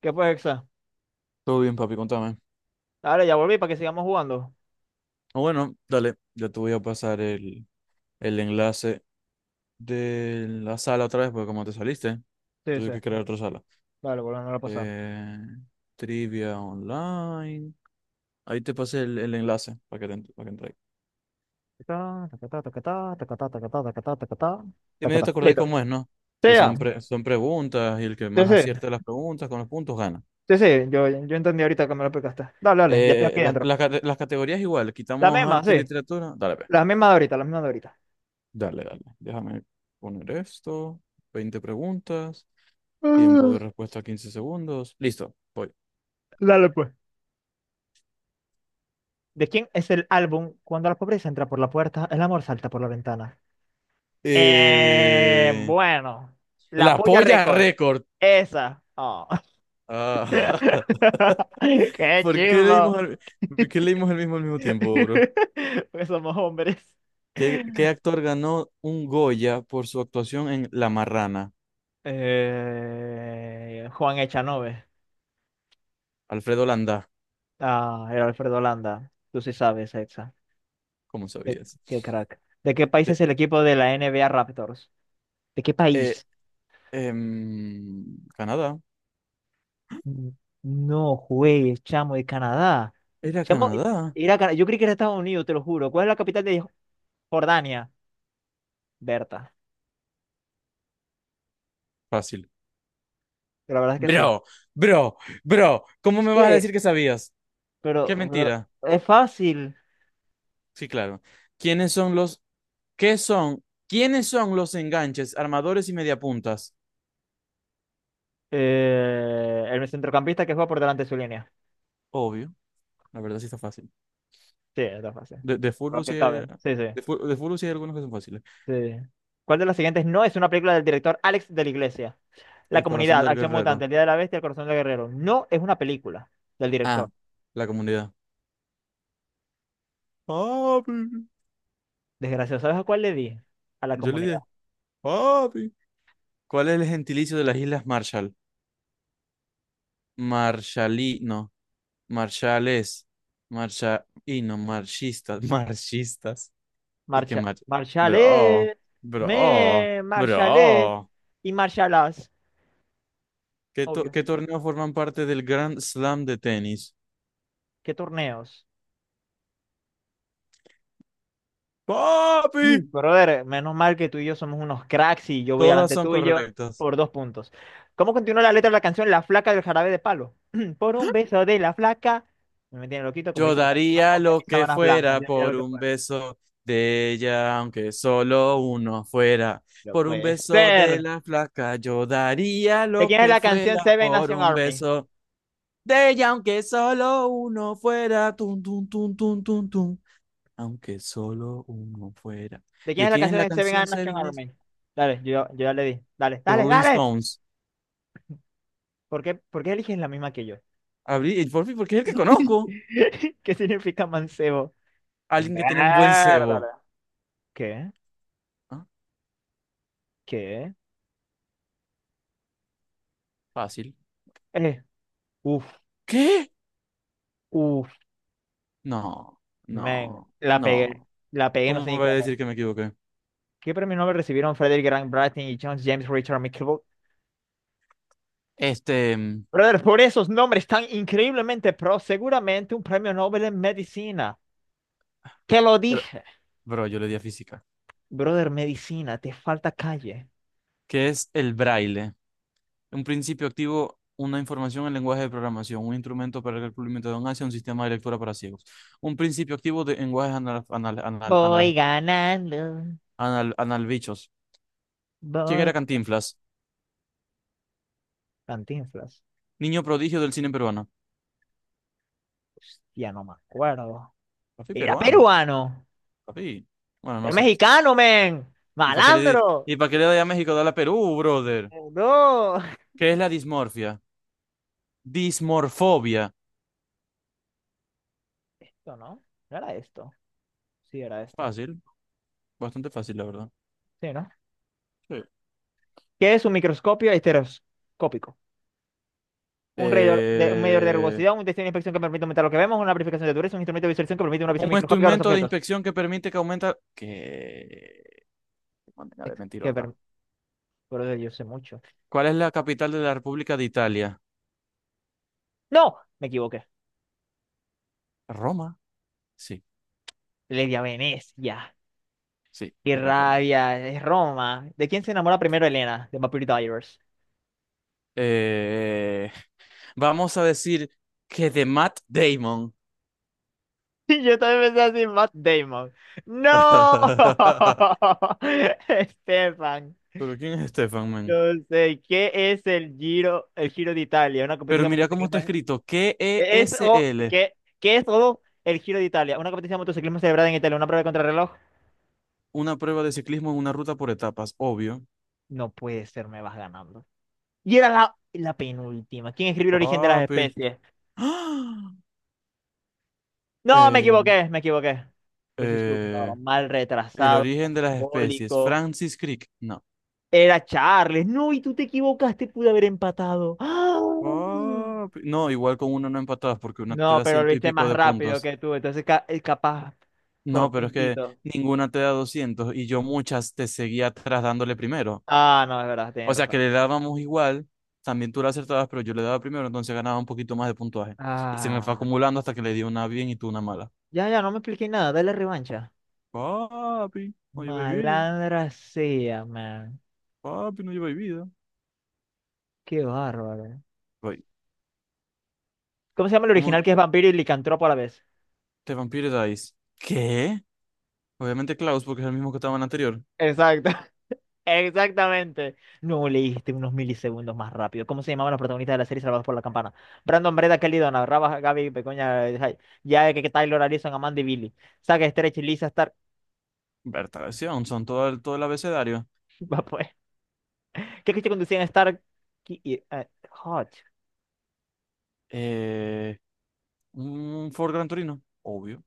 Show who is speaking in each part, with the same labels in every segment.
Speaker 1: ¿Qué pues, Exa?
Speaker 2: Todo bien, papi, contame.
Speaker 1: Dale, ya volví para que sigamos jugando.
Speaker 2: Bueno, dale, yo te voy a pasar el enlace de la sala otra vez, porque como te saliste,
Speaker 1: Sí,
Speaker 2: tuve
Speaker 1: sí.
Speaker 2: que crear otra sala.
Speaker 1: Dale, volvemos a pasar.
Speaker 2: Eh, trivia online. Ahí te pasé el enlace para que, para que entres.
Speaker 1: Ta, ta, ta, ta, ta, ta, ta, ta, ta, ta, ta, ta, ta, ta, ta, ta,
Speaker 2: Y
Speaker 1: ta,
Speaker 2: medio te
Speaker 1: ta.
Speaker 2: acordé
Speaker 1: Listo.
Speaker 2: cómo es, ¿no?
Speaker 1: Sí,
Speaker 2: Que
Speaker 1: ya.
Speaker 2: son, son preguntas y el que
Speaker 1: Sí,
Speaker 2: más
Speaker 1: sí.
Speaker 2: acierte las preguntas con los puntos gana.
Speaker 1: Sí, sí. Yo entendí ahorita que me lo explicaste. Dale, dale. Ya estoy aquí dentro.
Speaker 2: Las las categorías igual,
Speaker 1: La
Speaker 2: quitamos
Speaker 1: misma,
Speaker 2: arte
Speaker 1: sí.
Speaker 2: y literatura. Dale, pues.
Speaker 1: La misma de ahorita, la misma de ahorita.
Speaker 2: Dale, dale. Déjame poner esto. 20 preguntas. Tiempo
Speaker 1: Ah,
Speaker 2: de respuesta 15 segundos. Listo, voy.
Speaker 1: Dale, pues. ¿De quién es el álbum Cuando la pobreza entra por la puerta, el amor salta por la ventana?
Speaker 2: Eh,
Speaker 1: Bueno. La
Speaker 2: la
Speaker 1: polla
Speaker 2: polla
Speaker 1: récord.
Speaker 2: récord.
Speaker 1: Esa. Oh.
Speaker 2: Ah,
Speaker 1: Qué
Speaker 2: ¿Por qué
Speaker 1: chimbo.
Speaker 2: por qué leímos el mismo al mismo tiempo, bro?
Speaker 1: Porque somos hombres.
Speaker 2: ¿Qué, qué actor ganó un Goya por su actuación en La Marrana?
Speaker 1: Juan Echanove.
Speaker 2: Alfredo Landá,
Speaker 1: Ah, era Alfredo Landa. Tú sí sabes, Exa.
Speaker 2: ¿cómo
Speaker 1: Qué,
Speaker 2: sabías?
Speaker 1: qué crack. ¿De qué país
Speaker 2: De-
Speaker 1: es el equipo de la NBA Raptors? ¿De qué
Speaker 2: eh,
Speaker 1: país?
Speaker 2: Canadá.
Speaker 1: Mm, No juegues, chamo, de Canadá.
Speaker 2: Era
Speaker 1: Chamo,
Speaker 2: Canadá.
Speaker 1: era Cana- Yo creí que era Estados Unidos, te lo juro. ¿Cuál es la capital de Jordania? Berta.
Speaker 2: Fácil.
Speaker 1: La verdad es que sí.
Speaker 2: Bro, bro, bro, ¿cómo me vas a
Speaker 1: ¿Qué?
Speaker 2: decir que sabías? Qué
Speaker 1: Pero
Speaker 2: mentira.
Speaker 1: es fácil.
Speaker 2: Sí, claro. ¿Quiénes son quiénes son los enganches, armadores y mediapuntas?
Speaker 1: El centrocampista que juega por delante de su línea.
Speaker 2: Obvio, la verdad sí está fácil.
Speaker 1: Sí, está fácil.
Speaker 2: De
Speaker 1: Por lo
Speaker 2: fútbol sí
Speaker 1: que cabe.
Speaker 2: hay,
Speaker 1: Sí, sí,
Speaker 2: de fútbol sí hay algunos que son fáciles.
Speaker 1: sí. ¿Cuál de las siguientes no es una película del director Alex de la Iglesia? La
Speaker 2: El corazón
Speaker 1: Comunidad,
Speaker 2: del
Speaker 1: Acción Mutante,
Speaker 2: guerrero.
Speaker 1: El Día de la Bestia, El Corazón del Guerrero. No es una película del director.
Speaker 2: Ah, la comunidad. Papi.
Speaker 1: Desgraciado, ¿sabes a cuál le di? A la
Speaker 2: Yo le
Speaker 1: comunidad.
Speaker 2: dije, papi. ¿Cuál es el gentilicio de las Islas Marshall? Marshallino, marshales, marsha, y no, marchistas, marchistas. Y que
Speaker 1: Marcha,
Speaker 2: mate. Bro,
Speaker 1: marchale, me, marchale
Speaker 2: bro.
Speaker 1: y marchalas. Obvio.
Speaker 2: ¿Qué torneos forman parte del Grand Slam de tenis?
Speaker 1: ¿Qué torneos?
Speaker 2: ¡Papi!
Speaker 1: Brother, menos mal que tú y yo somos unos cracks y yo voy
Speaker 2: Todas
Speaker 1: adelante
Speaker 2: son
Speaker 1: tuyo
Speaker 2: correctas.
Speaker 1: por 2 puntos. ¿Cómo continúa la letra de la canción La flaca del jarabe de palo? Por un beso de la flaca. No, me tiene loquito, como
Speaker 2: Yo
Speaker 1: dice la canción,
Speaker 2: daría
Speaker 1: mojar mis
Speaker 2: lo que
Speaker 1: sábanas blancas.
Speaker 2: fuera
Speaker 1: Ya, ya lo
Speaker 2: por
Speaker 1: que
Speaker 2: un
Speaker 1: fue.
Speaker 2: beso de ella, aunque solo uno fuera.
Speaker 1: No
Speaker 2: Por un
Speaker 1: puede
Speaker 2: beso de
Speaker 1: ser.
Speaker 2: la flaca, yo daría
Speaker 1: ¿De
Speaker 2: lo
Speaker 1: quién es
Speaker 2: que
Speaker 1: la canción
Speaker 2: fuera
Speaker 1: Seven
Speaker 2: por
Speaker 1: Nation
Speaker 2: un
Speaker 1: Army?
Speaker 2: beso de ella, aunque solo uno fuera. Tun, tun, tun, tun, tun, tun, aunque solo uno fuera.
Speaker 1: ¿De quién
Speaker 2: ¿De
Speaker 1: es la
Speaker 2: quién es
Speaker 1: canción
Speaker 2: la
Speaker 1: de
Speaker 2: canción
Speaker 1: Seven Nation
Speaker 2: Seven Days?
Speaker 1: Army? Dale, yo ya le di. Dale,
Speaker 2: The
Speaker 1: dale,
Speaker 2: Rolling
Speaker 1: dale.
Speaker 2: Stones.
Speaker 1: Por qué eliges la misma que yo?
Speaker 2: Abrí el por fin, porque es el que conozco.
Speaker 1: ¿Qué significa mancebo?
Speaker 2: Alguien que tiene un buen cebo.
Speaker 1: Mierda. ¿Qué?
Speaker 2: Ah,
Speaker 1: ¿Qué?
Speaker 2: Fácil.
Speaker 1: Eh, Uf.
Speaker 2: ¿Qué?
Speaker 1: Uf,
Speaker 2: No,
Speaker 1: man,
Speaker 2: no,
Speaker 1: la pegué.
Speaker 2: no.
Speaker 1: La pegué,
Speaker 2: ¿Cómo
Speaker 1: no sé
Speaker 2: me
Speaker 1: ni
Speaker 2: voy a
Speaker 1: cómo.
Speaker 2: decir que me equivoqué?
Speaker 1: ¿Qué premio Nobel recibieron Frederick Grant Bratton y John James Richard McKibble?
Speaker 2: Este,
Speaker 1: Brother, por esos nombres tan increíblemente pro, seguramente un premio Nobel en medicina. Te lo
Speaker 2: bro,
Speaker 1: dije.
Speaker 2: bro, yo le di a física.
Speaker 1: Brother, medicina, te falta calle.
Speaker 2: ¿Qué es el braille? Un principio activo, una información en lenguaje de programación, un instrumento para el cumplimiento de un sistema de lectura para ciegos. Un principio activo de lenguajes anal, anal, anal,
Speaker 1: Voy
Speaker 2: anal-,
Speaker 1: ganando,
Speaker 2: anal-, analbichos. ¿Quién
Speaker 1: voy.
Speaker 2: era Cantinflas?
Speaker 1: Cantinflas.
Speaker 2: Niño prodigio del cine peruano.
Speaker 1: Hostia, no me acuerdo.
Speaker 2: Papi
Speaker 1: Era
Speaker 2: peruano.
Speaker 1: peruano.
Speaker 2: Papi. Bueno,
Speaker 1: Era
Speaker 2: no sé.
Speaker 1: mexicano, men.
Speaker 2: ¿Y
Speaker 1: Malandro.
Speaker 2: y para qué le doy a México? Dale a Perú, brother.
Speaker 1: No.
Speaker 2: ¿Qué es la dismorfia? Dismorfobia.
Speaker 1: Esto, ¿no? ¿No era esto? Sí, era esto.
Speaker 2: Fácil. Bastante fácil, la verdad.
Speaker 1: Sí, ¿no?
Speaker 2: Sí.
Speaker 1: ¿Qué es un microscopio estereoscópico? Un medidor de
Speaker 2: Eh,
Speaker 1: rugosidad, un test de inspección que permite aumentar lo que vemos, una amplificación de dureza, un instrumento de visualización que permite una visión
Speaker 2: un
Speaker 1: microscópica de los
Speaker 2: instrumento de
Speaker 1: objetos.
Speaker 2: inspección que permite que aumenta... ¿Qué? Qué manera de
Speaker 1: Que per...
Speaker 2: mentirota.
Speaker 1: Pero yo sé mucho.
Speaker 2: ¿Cuál es la capital de la República de Italia?
Speaker 1: ¡No! Me equivoqué.
Speaker 2: ¿Roma? Sí,
Speaker 1: Le di a Venecia. ¡Qué
Speaker 2: sí era Roma.
Speaker 1: rabia! Es Roma. ¿De quién se enamora primero Elena? De Vampire Diaries.
Speaker 2: Eh, vamos a decir que de Matt Damon.
Speaker 1: Y yo también pensé así, Matt Damon. ¡No! Estefan.
Speaker 2: Pero ¿quién es Stefan
Speaker 1: No
Speaker 2: man?
Speaker 1: sé, ¿qué es el Giro de Italia? Una
Speaker 2: Pero
Speaker 1: competición
Speaker 2: mira cómo
Speaker 1: motociclismo.
Speaker 2: está escrito. K E
Speaker 1: Es,
Speaker 2: S
Speaker 1: o,
Speaker 2: L
Speaker 1: ¿qué, qué es todo el Giro de Italia? Una competencia de motociclismo celebrada en Italia, una prueba de contrarreloj.
Speaker 2: Una prueba de ciclismo en una ruta por etapas, obvio.
Speaker 1: No puede ser, me vas ganando. Y era la, la penúltima. ¿Quién escribió el origen de las
Speaker 2: Papi.
Speaker 1: especies?
Speaker 2: ¡Ah!
Speaker 1: No, me
Speaker 2: Eh,
Speaker 1: equivoqué, me equivoqué. Yo soy súper
Speaker 2: eh,
Speaker 1: mal
Speaker 2: el
Speaker 1: retrasado,
Speaker 2: origen de las especies.
Speaker 1: alcohólico.
Speaker 2: Francis Crick. No.
Speaker 1: Era Charles. No, y tú te equivocaste, pude haber empatado. ¡Ah!
Speaker 2: Papi. No, igual con una no empatadas porque una te
Speaker 1: No,
Speaker 2: da
Speaker 1: pero lo
Speaker 2: ciento y
Speaker 1: hice
Speaker 2: pico
Speaker 1: más
Speaker 2: de
Speaker 1: rápido
Speaker 2: puntos.
Speaker 1: que tú, entonces ca- capaz
Speaker 2: No,
Speaker 1: por
Speaker 2: pero es que
Speaker 1: puntito.
Speaker 2: ninguna te da 200 y yo muchas te seguía atrás dándole primero.
Speaker 1: Ah, no, es verdad, tienes
Speaker 2: O sea
Speaker 1: razón.
Speaker 2: que le dábamos igual, también tú la acertabas, pero yo le daba primero, entonces ganaba un poquito más de puntuaje. Y se me fue
Speaker 1: Ah.
Speaker 2: acumulando hasta que le di una bien y tú una mala.
Speaker 1: Ya, ya, no me expliqué nada. Dale revancha.
Speaker 2: Papi, no lleváis vida.
Speaker 1: Malandra sea, man.
Speaker 2: Papi, no lleváis vida.
Speaker 1: Qué bárbaro.
Speaker 2: Voy.
Speaker 1: ¿Cómo se llama el
Speaker 2: ¿Cómo
Speaker 1: original que es vampiro y licantropo a la vez?
Speaker 2: te Vampire Dice? ¿Qué? Obviamente Klaus, porque es el mismo que estaba en el anterior.
Speaker 1: Exacto. Exactamente. No leíste unos milisegundos más rápido. ¿Cómo se llamaban los protagonistas de la serie Salvados por la Campana? Brandon, Breda, Kelly, Donna, Raba, Gaby, Pecoña, Jai- ya que Taylor, Alison Amanda y Billy. Saga, Stretch, Lisa, Stark.
Speaker 2: Bertaleción, son todo el abecedario.
Speaker 1: Va, pues. ¿Qué coche conducían Stark Ki- y Hutch?
Speaker 2: Eh, un Ford Gran Torino, obvio,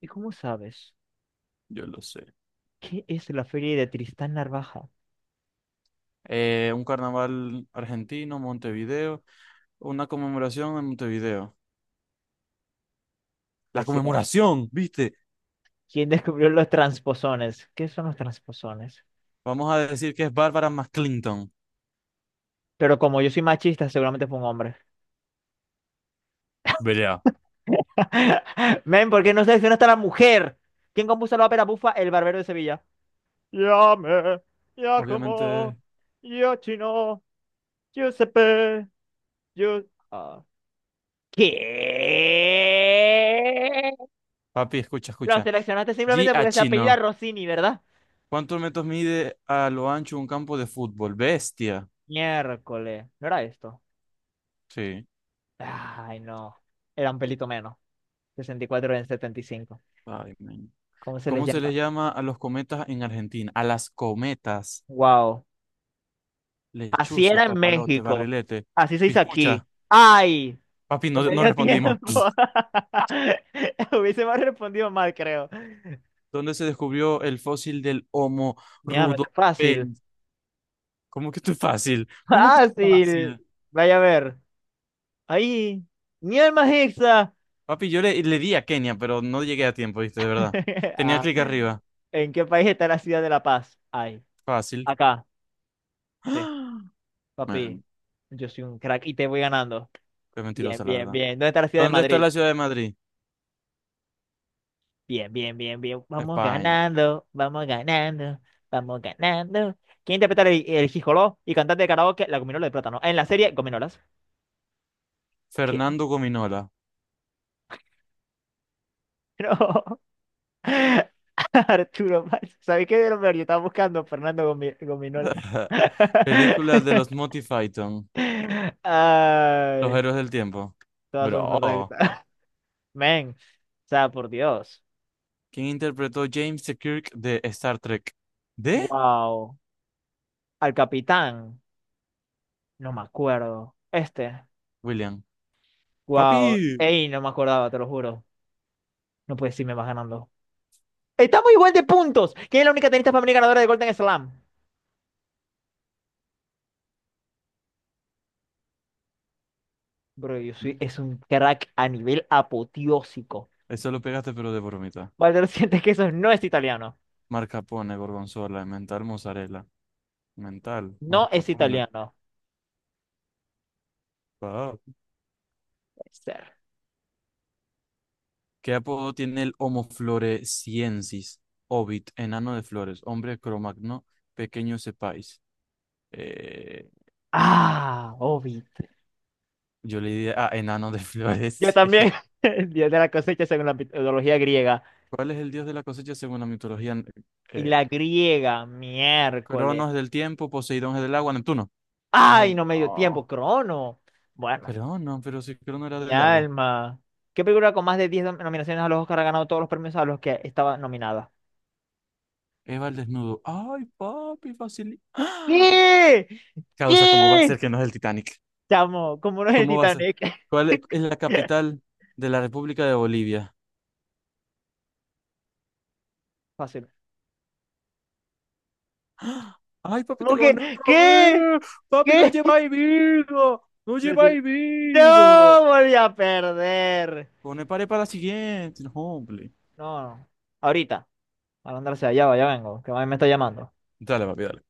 Speaker 1: ¿Y cómo sabes?
Speaker 2: yo lo sé.
Speaker 1: ¿Qué es la feria de Tristán Narvaja?
Speaker 2: Un carnaval argentino, Montevideo. Una conmemoración en Montevideo. La
Speaker 1: Pues sí,
Speaker 2: conmemoración, ¿viste?
Speaker 1: ¿quién descubrió los transposones? ¿Qué son los transposones?
Speaker 2: Vamos a decir que es Bárbara McClinton.
Speaker 1: Pero como yo soy machista, seguramente fue un hombre.
Speaker 2: Belea.
Speaker 1: Men, ¿por qué no seleccionaste a la mujer? ¿Quién compuso la ópera bufa El Barbero de Sevilla? Llame,
Speaker 2: Obviamente,
Speaker 1: Giacomo, Giochino, Giuseppe, Giu- Ah. ¿Qué?
Speaker 2: papi, escucha,
Speaker 1: Lo
Speaker 2: escucha.
Speaker 1: seleccionaste
Speaker 2: G
Speaker 1: simplemente
Speaker 2: a
Speaker 1: porque se apellida
Speaker 2: chino.
Speaker 1: Rossini, ¿verdad?
Speaker 2: ¿Cuántos metros mide a lo ancho un campo de fútbol? Bestia.
Speaker 1: Miércoles. ¿No era esto?
Speaker 2: Sí.
Speaker 1: Ay, no. Era un pelito menos. 64 en 75.
Speaker 2: Ay, men.
Speaker 1: ¿Cómo se les
Speaker 2: ¿Cómo se les
Speaker 1: llama?
Speaker 2: llama a los cometas en Argentina? A las cometas.
Speaker 1: Wow. Así
Speaker 2: Lechuza,
Speaker 1: era en
Speaker 2: papalote,
Speaker 1: México.
Speaker 2: barrilete.
Speaker 1: Así se hizo
Speaker 2: Piscucha.
Speaker 1: aquí. ¡Ay!
Speaker 2: Papi,
Speaker 1: No
Speaker 2: no,
Speaker 1: me
Speaker 2: no
Speaker 1: dio
Speaker 2: respondimos.
Speaker 1: tiempo. Hubiese más respondido mal, creo.
Speaker 2: ¿Dónde se descubrió el fósil del Homo
Speaker 1: Mira, no está fácil.
Speaker 2: rudolfensis? ¿Cómo que esto es fácil? ¿Cómo que esto es
Speaker 1: Fácil.
Speaker 2: fácil?
Speaker 1: Vaya a ver. Ahí. Mi alma es hexa.
Speaker 2: Papi, le di a Kenia, pero no llegué a tiempo, viste, de verdad. Tenía
Speaker 1: Ah,
Speaker 2: clic arriba.
Speaker 1: ¿en qué país está la ciudad de La Paz? Ay.
Speaker 2: Fácil.
Speaker 1: Acá. Sí,
Speaker 2: ¡Ah! Man,
Speaker 1: papi. Yo soy un crack y te voy ganando.
Speaker 2: qué
Speaker 1: Bien,
Speaker 2: mentirosa, la
Speaker 1: bien,
Speaker 2: verdad.
Speaker 1: bien. ¿Dónde está la ciudad de
Speaker 2: ¿Dónde está
Speaker 1: Madrid?
Speaker 2: la ciudad de Madrid?
Speaker 1: Bien, bien, bien, bien. Vamos
Speaker 2: España.
Speaker 1: ganando, vamos ganando, vamos ganando. ¿Quién interpreta el Jijoló y cantante de karaoke La Gominola de Plátano? En la serie Gominolas. ¿Qué?
Speaker 2: Fernando Gominola.
Speaker 1: No, Arturo Valls. ¿Sabes qué de lo peor? Yo estaba buscando Fernando Gomi- Gominola.
Speaker 2: Película de los Monty Python. Los
Speaker 1: Ay,
Speaker 2: héroes del tiempo.
Speaker 1: todas son
Speaker 2: Bro.
Speaker 1: correctas. Men, o sea, por Dios.
Speaker 2: ¿Quién interpretó James T. Kirk de Star Trek? ¿De?
Speaker 1: Wow. Al capitán, no me acuerdo. Este,
Speaker 2: William.
Speaker 1: wow.
Speaker 2: Papi.
Speaker 1: Ey, no me acordaba, te lo juro. No puedes decirme vas ganando. Estamos igual de puntos. ¿Quién es la única tenista femenina ganadora de Golden Slam? Bro, yo soy, es un crack a nivel apoteósico.
Speaker 2: Eso lo pegaste, pero de bromita.
Speaker 1: Valder siente que eso no es italiano.
Speaker 2: Mascarpone, gorgonzola, mental, mozzarella. Mental,
Speaker 1: No es
Speaker 2: mascarpone.
Speaker 1: italiano. Puede ser.
Speaker 2: ¿Qué apodo tiene el Homo floresiensis? Ovid, enano de flores, hombre cromagno, pequeño sepáis. Eh,
Speaker 1: Ah, Ovid.
Speaker 2: yo le diría, ah, enano de
Speaker 1: Yo
Speaker 2: flores.
Speaker 1: también.
Speaker 2: sí.
Speaker 1: El dios de la cosecha según la mitología griega.
Speaker 2: ¿Cuál es el dios de la cosecha según la mitología?
Speaker 1: Y
Speaker 2: Eh,
Speaker 1: la griega, miércoles.
Speaker 2: Cronos es del tiempo, Poseidón es del agua, Neptuno.
Speaker 1: Ay,
Speaker 2: Ay,
Speaker 1: no me dio tiempo,
Speaker 2: no.
Speaker 1: Crono. Bueno,
Speaker 2: Crono, pero si Crono era
Speaker 1: mi
Speaker 2: del agua.
Speaker 1: alma. ¿Qué película con más de 10 nominaciones a los Oscar ha ganado todos los premios a los que estaba nominada?
Speaker 2: Eva el desnudo. Ay, papi, fácil. Ah.
Speaker 1: ¿Qué?
Speaker 2: Causa, ¿cómo va a ser
Speaker 1: ¿Qué?
Speaker 2: que no es el Titanic?
Speaker 1: Chamo, ¿cómo no es el
Speaker 2: ¿Cómo va a ser?
Speaker 1: Titanic?
Speaker 2: ¿Cuál es la capital de la República de Bolivia?
Speaker 1: Fácil.
Speaker 2: ¡Ah! Ay, papi, te
Speaker 1: ¿Cómo
Speaker 2: gané
Speaker 1: que?
Speaker 2: otra
Speaker 1: ¿Qué?
Speaker 2: vez. Papi, no
Speaker 1: ¿Qué?
Speaker 2: lleváis vida. No
Speaker 1: Pero si-
Speaker 2: lleváis vida.
Speaker 1: No, volví a perder.
Speaker 2: Pone pared para la siguiente. No, hombre.
Speaker 1: No, no. Ahorita. Para andarse allá, va, ya vengo. Que mami me está llamando.
Speaker 2: Dale, papi, dale.